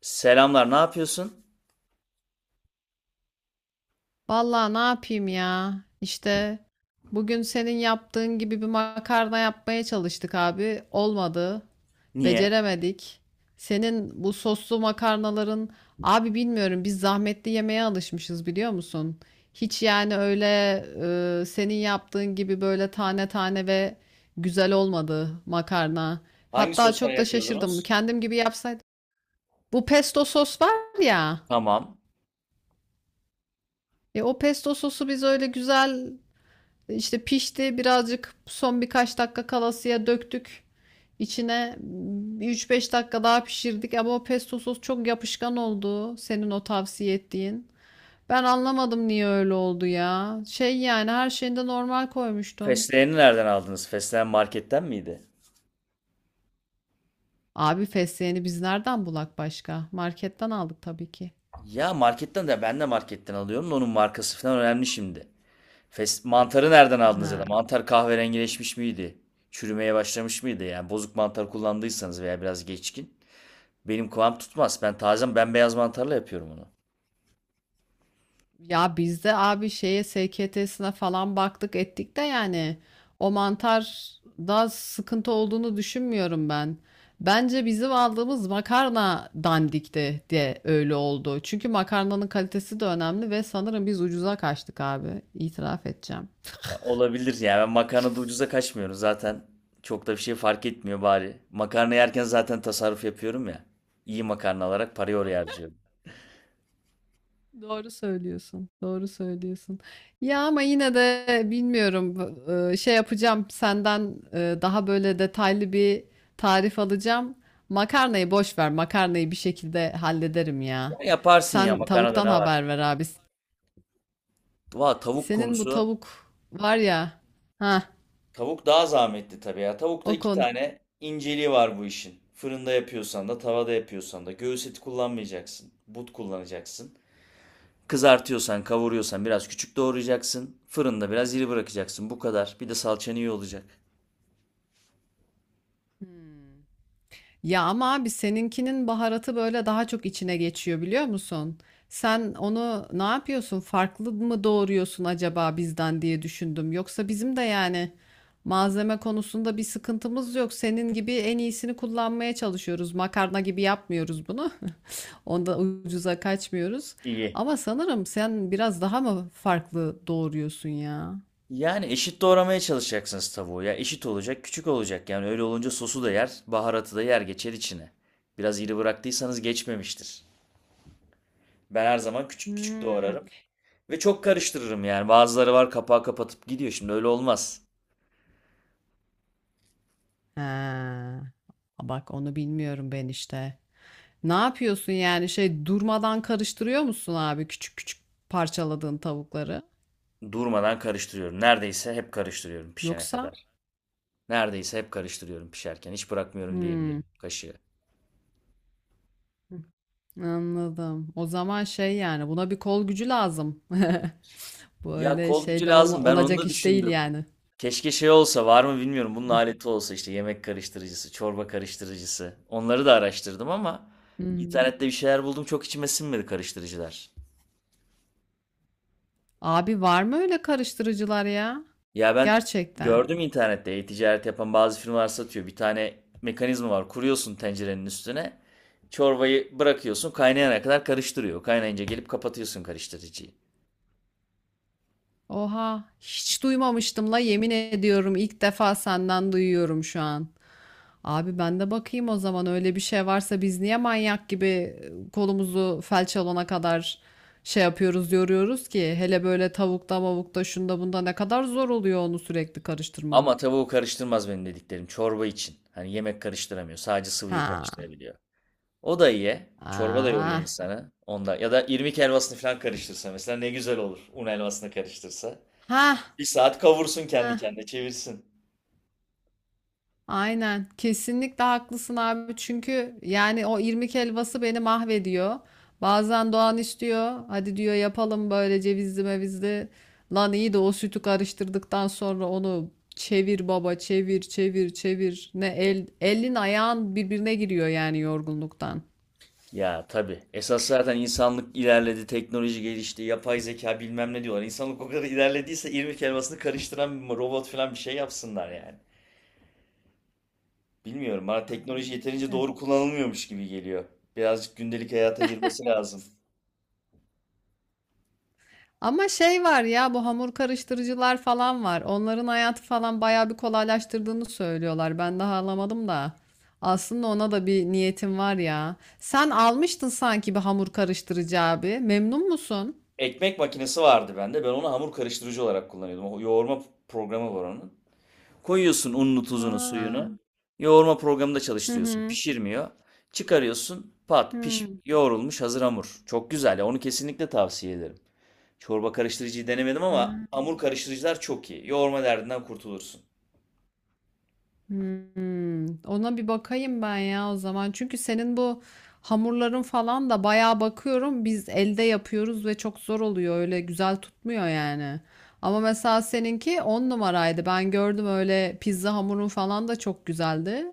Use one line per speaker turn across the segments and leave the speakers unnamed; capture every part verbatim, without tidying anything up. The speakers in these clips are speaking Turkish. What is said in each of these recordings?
Selamlar, ne yapıyorsun?
Vallahi ne yapayım ya? İşte bugün senin yaptığın gibi bir makarna yapmaya çalıştık abi. Olmadı.
Niye?
Beceremedik. Senin bu soslu makarnaların abi bilmiyorum biz zahmetli yemeğe alışmışız biliyor musun? Hiç yani öyle e, senin yaptığın gibi böyle tane tane ve güzel olmadı makarna.
Hangi
Hatta
soslar
çok da şaşırdım.
yapıyordunuz?
Kendim gibi yapsaydım. Bu pesto sos var ya.
Tamam.
E o pesto sosu biz öyle güzel İşte pişti, birazcık son birkaç dakika kalasıya döktük İçine üç beş dakika daha pişirdik ama o pesto sos çok yapışkan oldu senin o tavsiye ettiğin. Ben anlamadım niye öyle oldu ya. Şey yani her şeyinde normal koymuştum.
Fesleğeni nereden aldınız? Fesleğen marketten miydi?
Abi fesleğeni biz nereden bulak başka? Marketten aldık tabii ki.
Ya marketten de ben de marketten alıyorum da onun markası falan önemli şimdi. Fes mantarı nereden aldınız ya
Ha.
da mantar kahverengileşmiş miydi? Çürümeye başlamış mıydı? Yani bozuk mantar kullandıysanız veya biraz geçkin. Benim kıvam tutmaz. Ben taze bembeyaz mantarla yapıyorum onu.
Ya bizde abi şeye S K T'sine falan baktık ettik de yani o mantar da sıkıntı olduğunu düşünmüyorum ben. Bence bizim aldığımız makarna dandikti de öyle oldu. Çünkü makarnanın kalitesi de önemli ve sanırım biz ucuza kaçtık abi. İtiraf edeceğim.
Ya olabilir ya. Ben makarnada ucuza kaçmıyorum. Zaten çok da bir şey fark etmiyor bari. Makarna yerken zaten tasarruf yapıyorum ya. İyi makarna alarak parayı oraya harcıyorum.
Doğru söylüyorsun. Doğru söylüyorsun. Ya ama yine de bilmiyorum, e, şey yapacağım senden, e, daha böyle detaylı bir tarif alacağım. Makarnayı boş ver. Makarnayı bir şekilde hallederim
Ya
ya.
yaparsın ya
Sen
makarnada
tavuktan
ne var?
haber ver abi.
Valla tavuk
Senin bu
konusu.
tavuk var ya. Ha,
Tavuk daha zahmetli tabii ya. Tavukta
o
iki
konu.
tane inceliği var bu işin. Fırında yapıyorsan da tavada yapıyorsan da göğüs eti kullanmayacaksın. But kullanacaksın. Kızartıyorsan, kavuruyorsan biraz küçük doğrayacaksın. Fırında biraz iri bırakacaksın. Bu kadar. Bir de salçan iyi olacak.
Hmm. Ya ama abi seninkinin baharatı böyle daha çok içine geçiyor biliyor musun? Sen onu ne yapıyorsun? Farklı mı doğuruyorsun acaba bizden diye düşündüm. Yoksa bizim de yani malzeme konusunda bir sıkıntımız yok. Senin gibi en iyisini kullanmaya çalışıyoruz. Makarna gibi yapmıyoruz bunu. Onda ucuza kaçmıyoruz.
İyi.
Ama sanırım sen biraz daha mı farklı doğuruyorsun ya?
Yani eşit doğramaya çalışacaksınız tavuğu ya. Eşit olacak, küçük olacak. Yani öyle olunca sosu da yer, baharatı da yer geçer içine. Biraz iri bıraktıysanız geçmemiştir. Ben her zaman küçük küçük
Hmm.
doğrarım. Ve çok karıştırırım yani. Bazıları var kapağı kapatıp gidiyor. Şimdi öyle olmaz.
Ha, bak onu bilmiyorum ben işte. Ne yapıyorsun yani şey, durmadan karıştırıyor musun abi küçük küçük parçaladığın tavukları?
Durmadan karıştırıyorum. Neredeyse hep karıştırıyorum pişene
Yoksa?
kadar. Neredeyse hep karıştırıyorum pişerken. Hiç bırakmıyorum
Hmm,
diyebilirim kaşığı.
anladım. O zaman şey yani buna bir kol gücü lazım. Bu
Ya
öyle
kol gücü
şeyle olma,
lazım. Ben onu
olacak
da
iş değil
düşündüm.
yani.
Keşke şey olsa var mı bilmiyorum. Bunun aleti olsa işte yemek karıştırıcısı, çorba karıştırıcısı. Onları da araştırdım ama
Hmm.
internette bir şeyler buldum çok içime sinmedi karıştırıcılar.
Abi var mı öyle karıştırıcılar ya?
Ya ben
Gerçekten.
gördüm internette e-ticaret yapan bazı firmalar satıyor. Bir tane mekanizma var. Kuruyorsun tencerenin üstüne. Çorbayı bırakıyorsun kaynayana kadar karıştırıyor. Kaynayınca gelip kapatıyorsun karıştırıcıyı.
Oha hiç duymamıştım la, yemin ediyorum ilk defa senden duyuyorum şu an. Abi ben de bakayım o zaman öyle bir şey varsa biz niye manyak gibi e, kolumuzu felç alana kadar şey yapıyoruz, yoruyoruz ki hele böyle tavukta mavukta şunda bunda, ne kadar zor oluyor onu sürekli karıştırmak.
Ama tavuğu karıştırmaz benim dediklerim çorba için. Hani yemek karıştıramıyor. Sadece sıvıyı
Ha.
karıştırabiliyor. O da iyi. Çorba da yoruyor
Ah.
insanı. Onda ya da irmik helvasını falan karıştırsa mesela ne güzel olur. Un helvasını karıştırsa.
Ha.
Bir saat kavursun kendi
Ha.
kendine çevirsin.
Aynen. Kesinlikle haklısın abi. Çünkü yani o irmik helvası beni mahvediyor. Bazen Doğan istiyor. Hadi diyor yapalım böyle cevizli mevizli. Lan iyi de o sütü karıştırdıktan sonra onu çevir baba çevir çevir çevir. Ne el, elin ayağın birbirine giriyor yani yorgunluktan.
Ya tabii. Esas zaten insanlık ilerledi, teknoloji gelişti, yapay zeka bilmem ne diyorlar. İnsanlık o kadar ilerlediyse irmik helvasını karıştıran bir robot falan bir şey yapsınlar yani. Bilmiyorum bana teknoloji
Aynen
yeterince
öyle.
doğru kullanılmıyormuş gibi geliyor. Birazcık gündelik hayata girmesi lazım.
Ama şey var ya, bu hamur karıştırıcılar falan var. Onların hayatı falan bayağı bir kolaylaştırdığını söylüyorlar. Ben daha alamadım da. Aslında ona da bir niyetim var ya. Sen almıştın sanki bir hamur karıştırıcı abi. Memnun musun?
Ekmek makinesi vardı bende. Ben onu hamur karıştırıcı olarak kullanıyordum. O yoğurma programı var onun. Koyuyorsun ununu, tuzunu,
Ha.
suyunu. Yoğurma programında
Hı
çalıştırıyorsun.
hı.
Pişirmiyor. Çıkarıyorsun. Pat,
Hı.
piş, yoğrulmuş hazır hamur. Çok güzel ya. Onu kesinlikle tavsiye ederim. Çorba karıştırıcıyı denemedim ama
Ha.
hamur karıştırıcılar çok iyi. Yoğurma derdinden kurtulursun.
Hmm, ona bir bakayım ben ya o zaman. Çünkü senin bu hamurların falan da bayağı bakıyorum. Biz elde yapıyoruz ve çok zor oluyor. Öyle güzel tutmuyor yani. Ama mesela seninki on numaraydı. Ben gördüm, öyle pizza hamurun falan da çok güzeldi.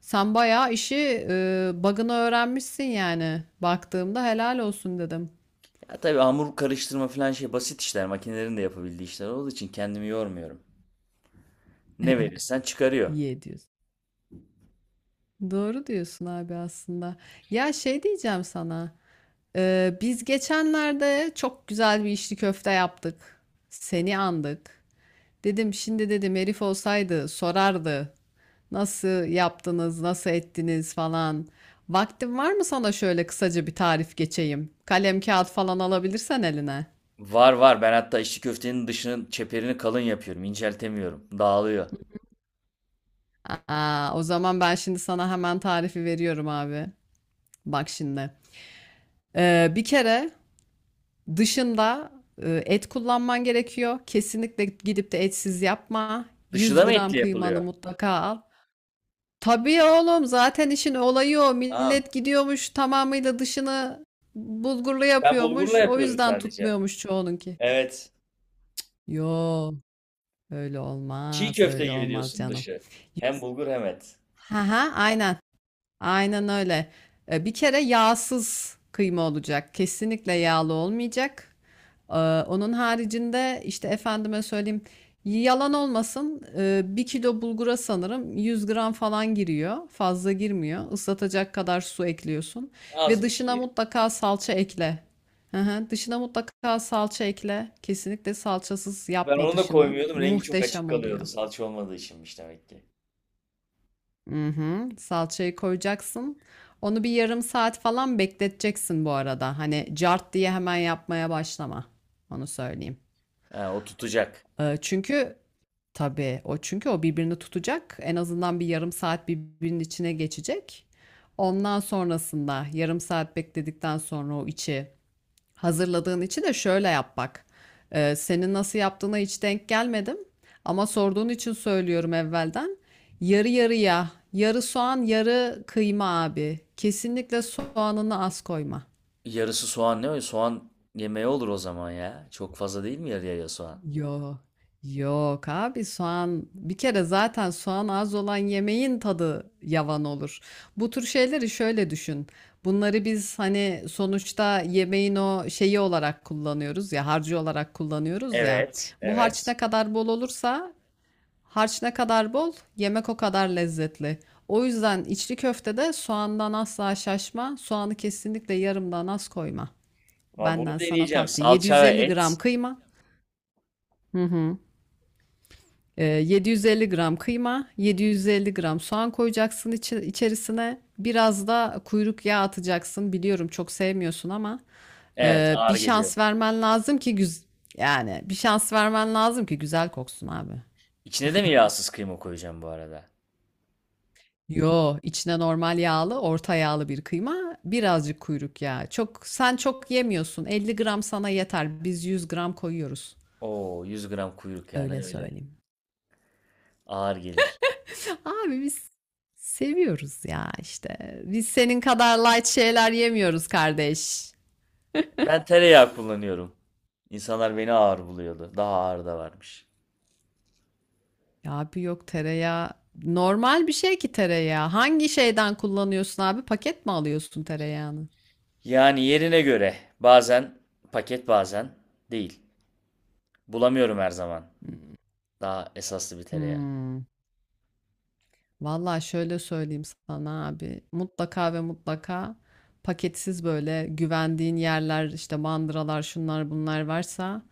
Sen bayağı işi e, bug'ını öğrenmişsin yani. Baktığımda helal olsun dedim.
Ya tabii hamur karıştırma falan şey basit işler. Makinelerin de yapabildiği işler olduğu için kendimi yormuyorum. Ne verirsen çıkarıyor.
İyi ediyorsun. Doğru diyorsun abi aslında. Ya şey diyeceğim sana. Ee, biz geçenlerde çok güzel bir içli köfte yaptık. Seni andık. Dedim şimdi, dedim herif olsaydı sorardı. Nasıl yaptınız, nasıl ettiniz falan. Vaktin var mı sana şöyle kısaca bir tarif geçeyim? Kalem kağıt falan alabilirsen eline.
Var var. Ben hatta içli köftenin dışının çeperini kalın yapıyorum. İnceltemiyorum. Dağılıyor.
Aa, o zaman ben şimdi sana hemen tarifi veriyorum abi. Bak şimdi. Ee, bir kere dışında e, et kullanman gerekiyor. Kesinlikle gidip de etsiz yapma.
Dışı da
yüz
mı
gram
etli
kıymanı
yapılıyor?
mutlaka al. Tabii oğlum, zaten işin olayı o.
Aa,
Millet gidiyormuş tamamıyla dışını bulgurlu
ben bulgurla
yapıyormuş. O
yapıyorum
yüzden
sadece.
tutmuyormuş çoğununki.
Evet.
Yo, öyle
Çiğ
olmaz,
köfte
öyle
gibi
olmaz
diyorsun
canım.
dışı. Hem
Yüz...
bulgur hem et.
Ha ha, aynen. Aynen öyle. E, Bir kere yağsız kıyma olacak. Kesinlikle yağlı olmayacak. E, Onun haricinde işte, efendime söyleyeyim, yalan olmasın, e, bir kilo bulgura sanırım yüz gram falan giriyor. Fazla girmiyor. Islatacak kadar su ekliyorsun.
Az
Ve
mı
dışına
çiğ?
mutlaka salça ekle. Hı hı. Dışına mutlaka salça ekle. Kesinlikle salçasız
Ben
yapma
onu da
dışını.
koymuyordum. Rengi çok açık
Muhteşem oluyor.
kalıyordu. Salça olmadığı içinmiş demek ki.
Hı hı. Salçayı koyacaksın. Onu bir yarım saat falan bekleteceksin bu arada. Hani cart diye hemen yapmaya başlama. Onu söyleyeyim.
Ha, o tutacak.
Ee, çünkü tabii o çünkü o birbirini tutacak. En azından bir yarım saat birbirinin içine geçecek. Ondan sonrasında, yarım saat bekledikten sonra, o içi hazırladığın için de şöyle yap bak. Ee, senin nasıl yaptığına hiç denk gelmedim. Ama sorduğun için söylüyorum evvelden. Yarı yarıya, yarı soğan, yarı kıyma abi. Kesinlikle soğanını az koyma.
Yarısı soğan ne? O? Soğan yemeği olur o zaman ya. Çok fazla değil mi yarıya ya soğan?
Yok. Yok abi, soğan bir kere, zaten soğan az olan yemeğin tadı yavan olur. Bu tür şeyleri şöyle düşün. Bunları biz hani sonuçta yemeğin o şeyi olarak kullanıyoruz ya, harcı olarak kullanıyoruz ya.
Evet,
Bu harç
evet.
ne kadar bol olursa, harç ne kadar bol, yemek o kadar lezzetli. O yüzden içli köftede soğandan asla şaşma. Soğanı kesinlikle yarımdan az koyma.
Ama
Benden
bunu
sana
deneyeceğim.
tavsiye.
Salça ve
yedi yüz elli gram
et.
kıyma. Hı hı. Ee, yedi yüz elli gram kıyma, yedi yüz elli gram soğan koyacaksın içi- içerisine. Biraz da kuyruk yağı atacaksın. Biliyorum çok sevmiyorsun ama
Evet,
e,
ağır
bir
geliyor.
şans vermen lazım ki güz yani bir şans vermen lazım ki güzel koksun abi.
İçine de mi yağsız kıyma koyacağım bu arada?
Yo, içine normal yağlı, orta yağlı bir kıyma, birazcık kuyruk yağı. Çok sen çok yemiyorsun. elli gram sana yeter. Biz yüz gram koyuyoruz.
Oo, yüz gram kuyruk yani
Öyle
öyle.
söyleyeyim.
Ağır gelir.
Abi biz seviyoruz ya işte. Biz senin kadar light şeyler yemiyoruz kardeş.
Ben tereyağı kullanıyorum. İnsanlar beni ağır buluyordu. Daha ağır da varmış.
Ya abi yok, tereyağı normal bir şey ki tereyağı. Hangi şeyden kullanıyorsun abi? Paket mi alıyorsun tereyağını?
Yani yerine göre bazen paket bazen değil. Bulamıyorum her zaman. Daha esaslı bir tereyağı.
Hmm. Vallahi şöyle söyleyeyim sana abi. Mutlaka ve mutlaka paketsiz, böyle güvendiğin yerler, işte mandıralar şunlar bunlar varsa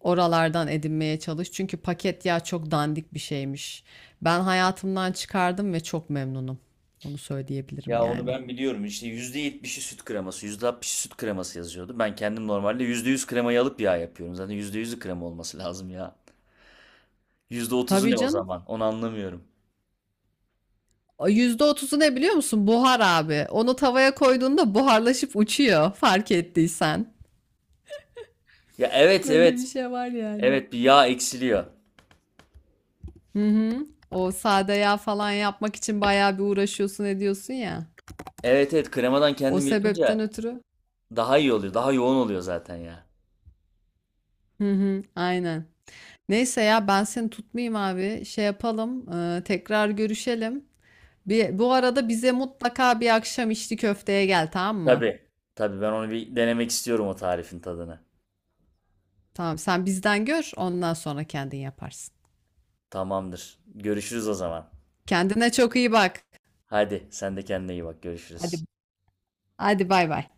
oralardan edinmeye çalış. Çünkü paket yağ çok dandik bir şeymiş. Ben hayatımdan çıkardım ve çok memnunum. Onu söyleyebilirim
Ya onu
yani.
ben biliyorum. İşte yüzde yetmişi süt kreması, yüzde altmışı süt kreması yazıyordu. Ben kendim normalde yüzde yüz kremayı alıp yağ yapıyorum. Zaten yüzde yüzü krema olması lazım ya. Yüzde otuzu
Tabii
ne o
canım.
zaman? Onu anlamıyorum.
O yüzde otuzu ne biliyor musun? Buhar abi. Onu tavaya koyduğunda buharlaşıp uçuyor, fark ettiysen.
Ya evet
Böyle bir
evet.
şey var yani.
Evet bir yağ eksiliyor.
Hı hı. O sade yağ falan yapmak için bayağı bir uğraşıyorsun, ediyorsun ya.
Evet evet kremadan
O
kendim
sebepten
yapınca
ötürü.
daha iyi oluyor. Daha yoğun oluyor zaten ya.
Hı hı, aynen. Neyse ya, ben seni tutmayayım abi. Şey yapalım, e, tekrar görüşelim. Bir, bu arada bize mutlaka bir akşam içli köfteye gel, tamam mı?
Tabii. Tabii ben onu bir denemek istiyorum o tarifin tadını.
Tamam, sen bizden gör, ondan sonra kendin yaparsın.
Tamamdır. Görüşürüz o zaman.
Kendine çok iyi bak.
Hadi sen de kendine iyi bak.
Hadi
Görüşürüz.
hadi, bay bay.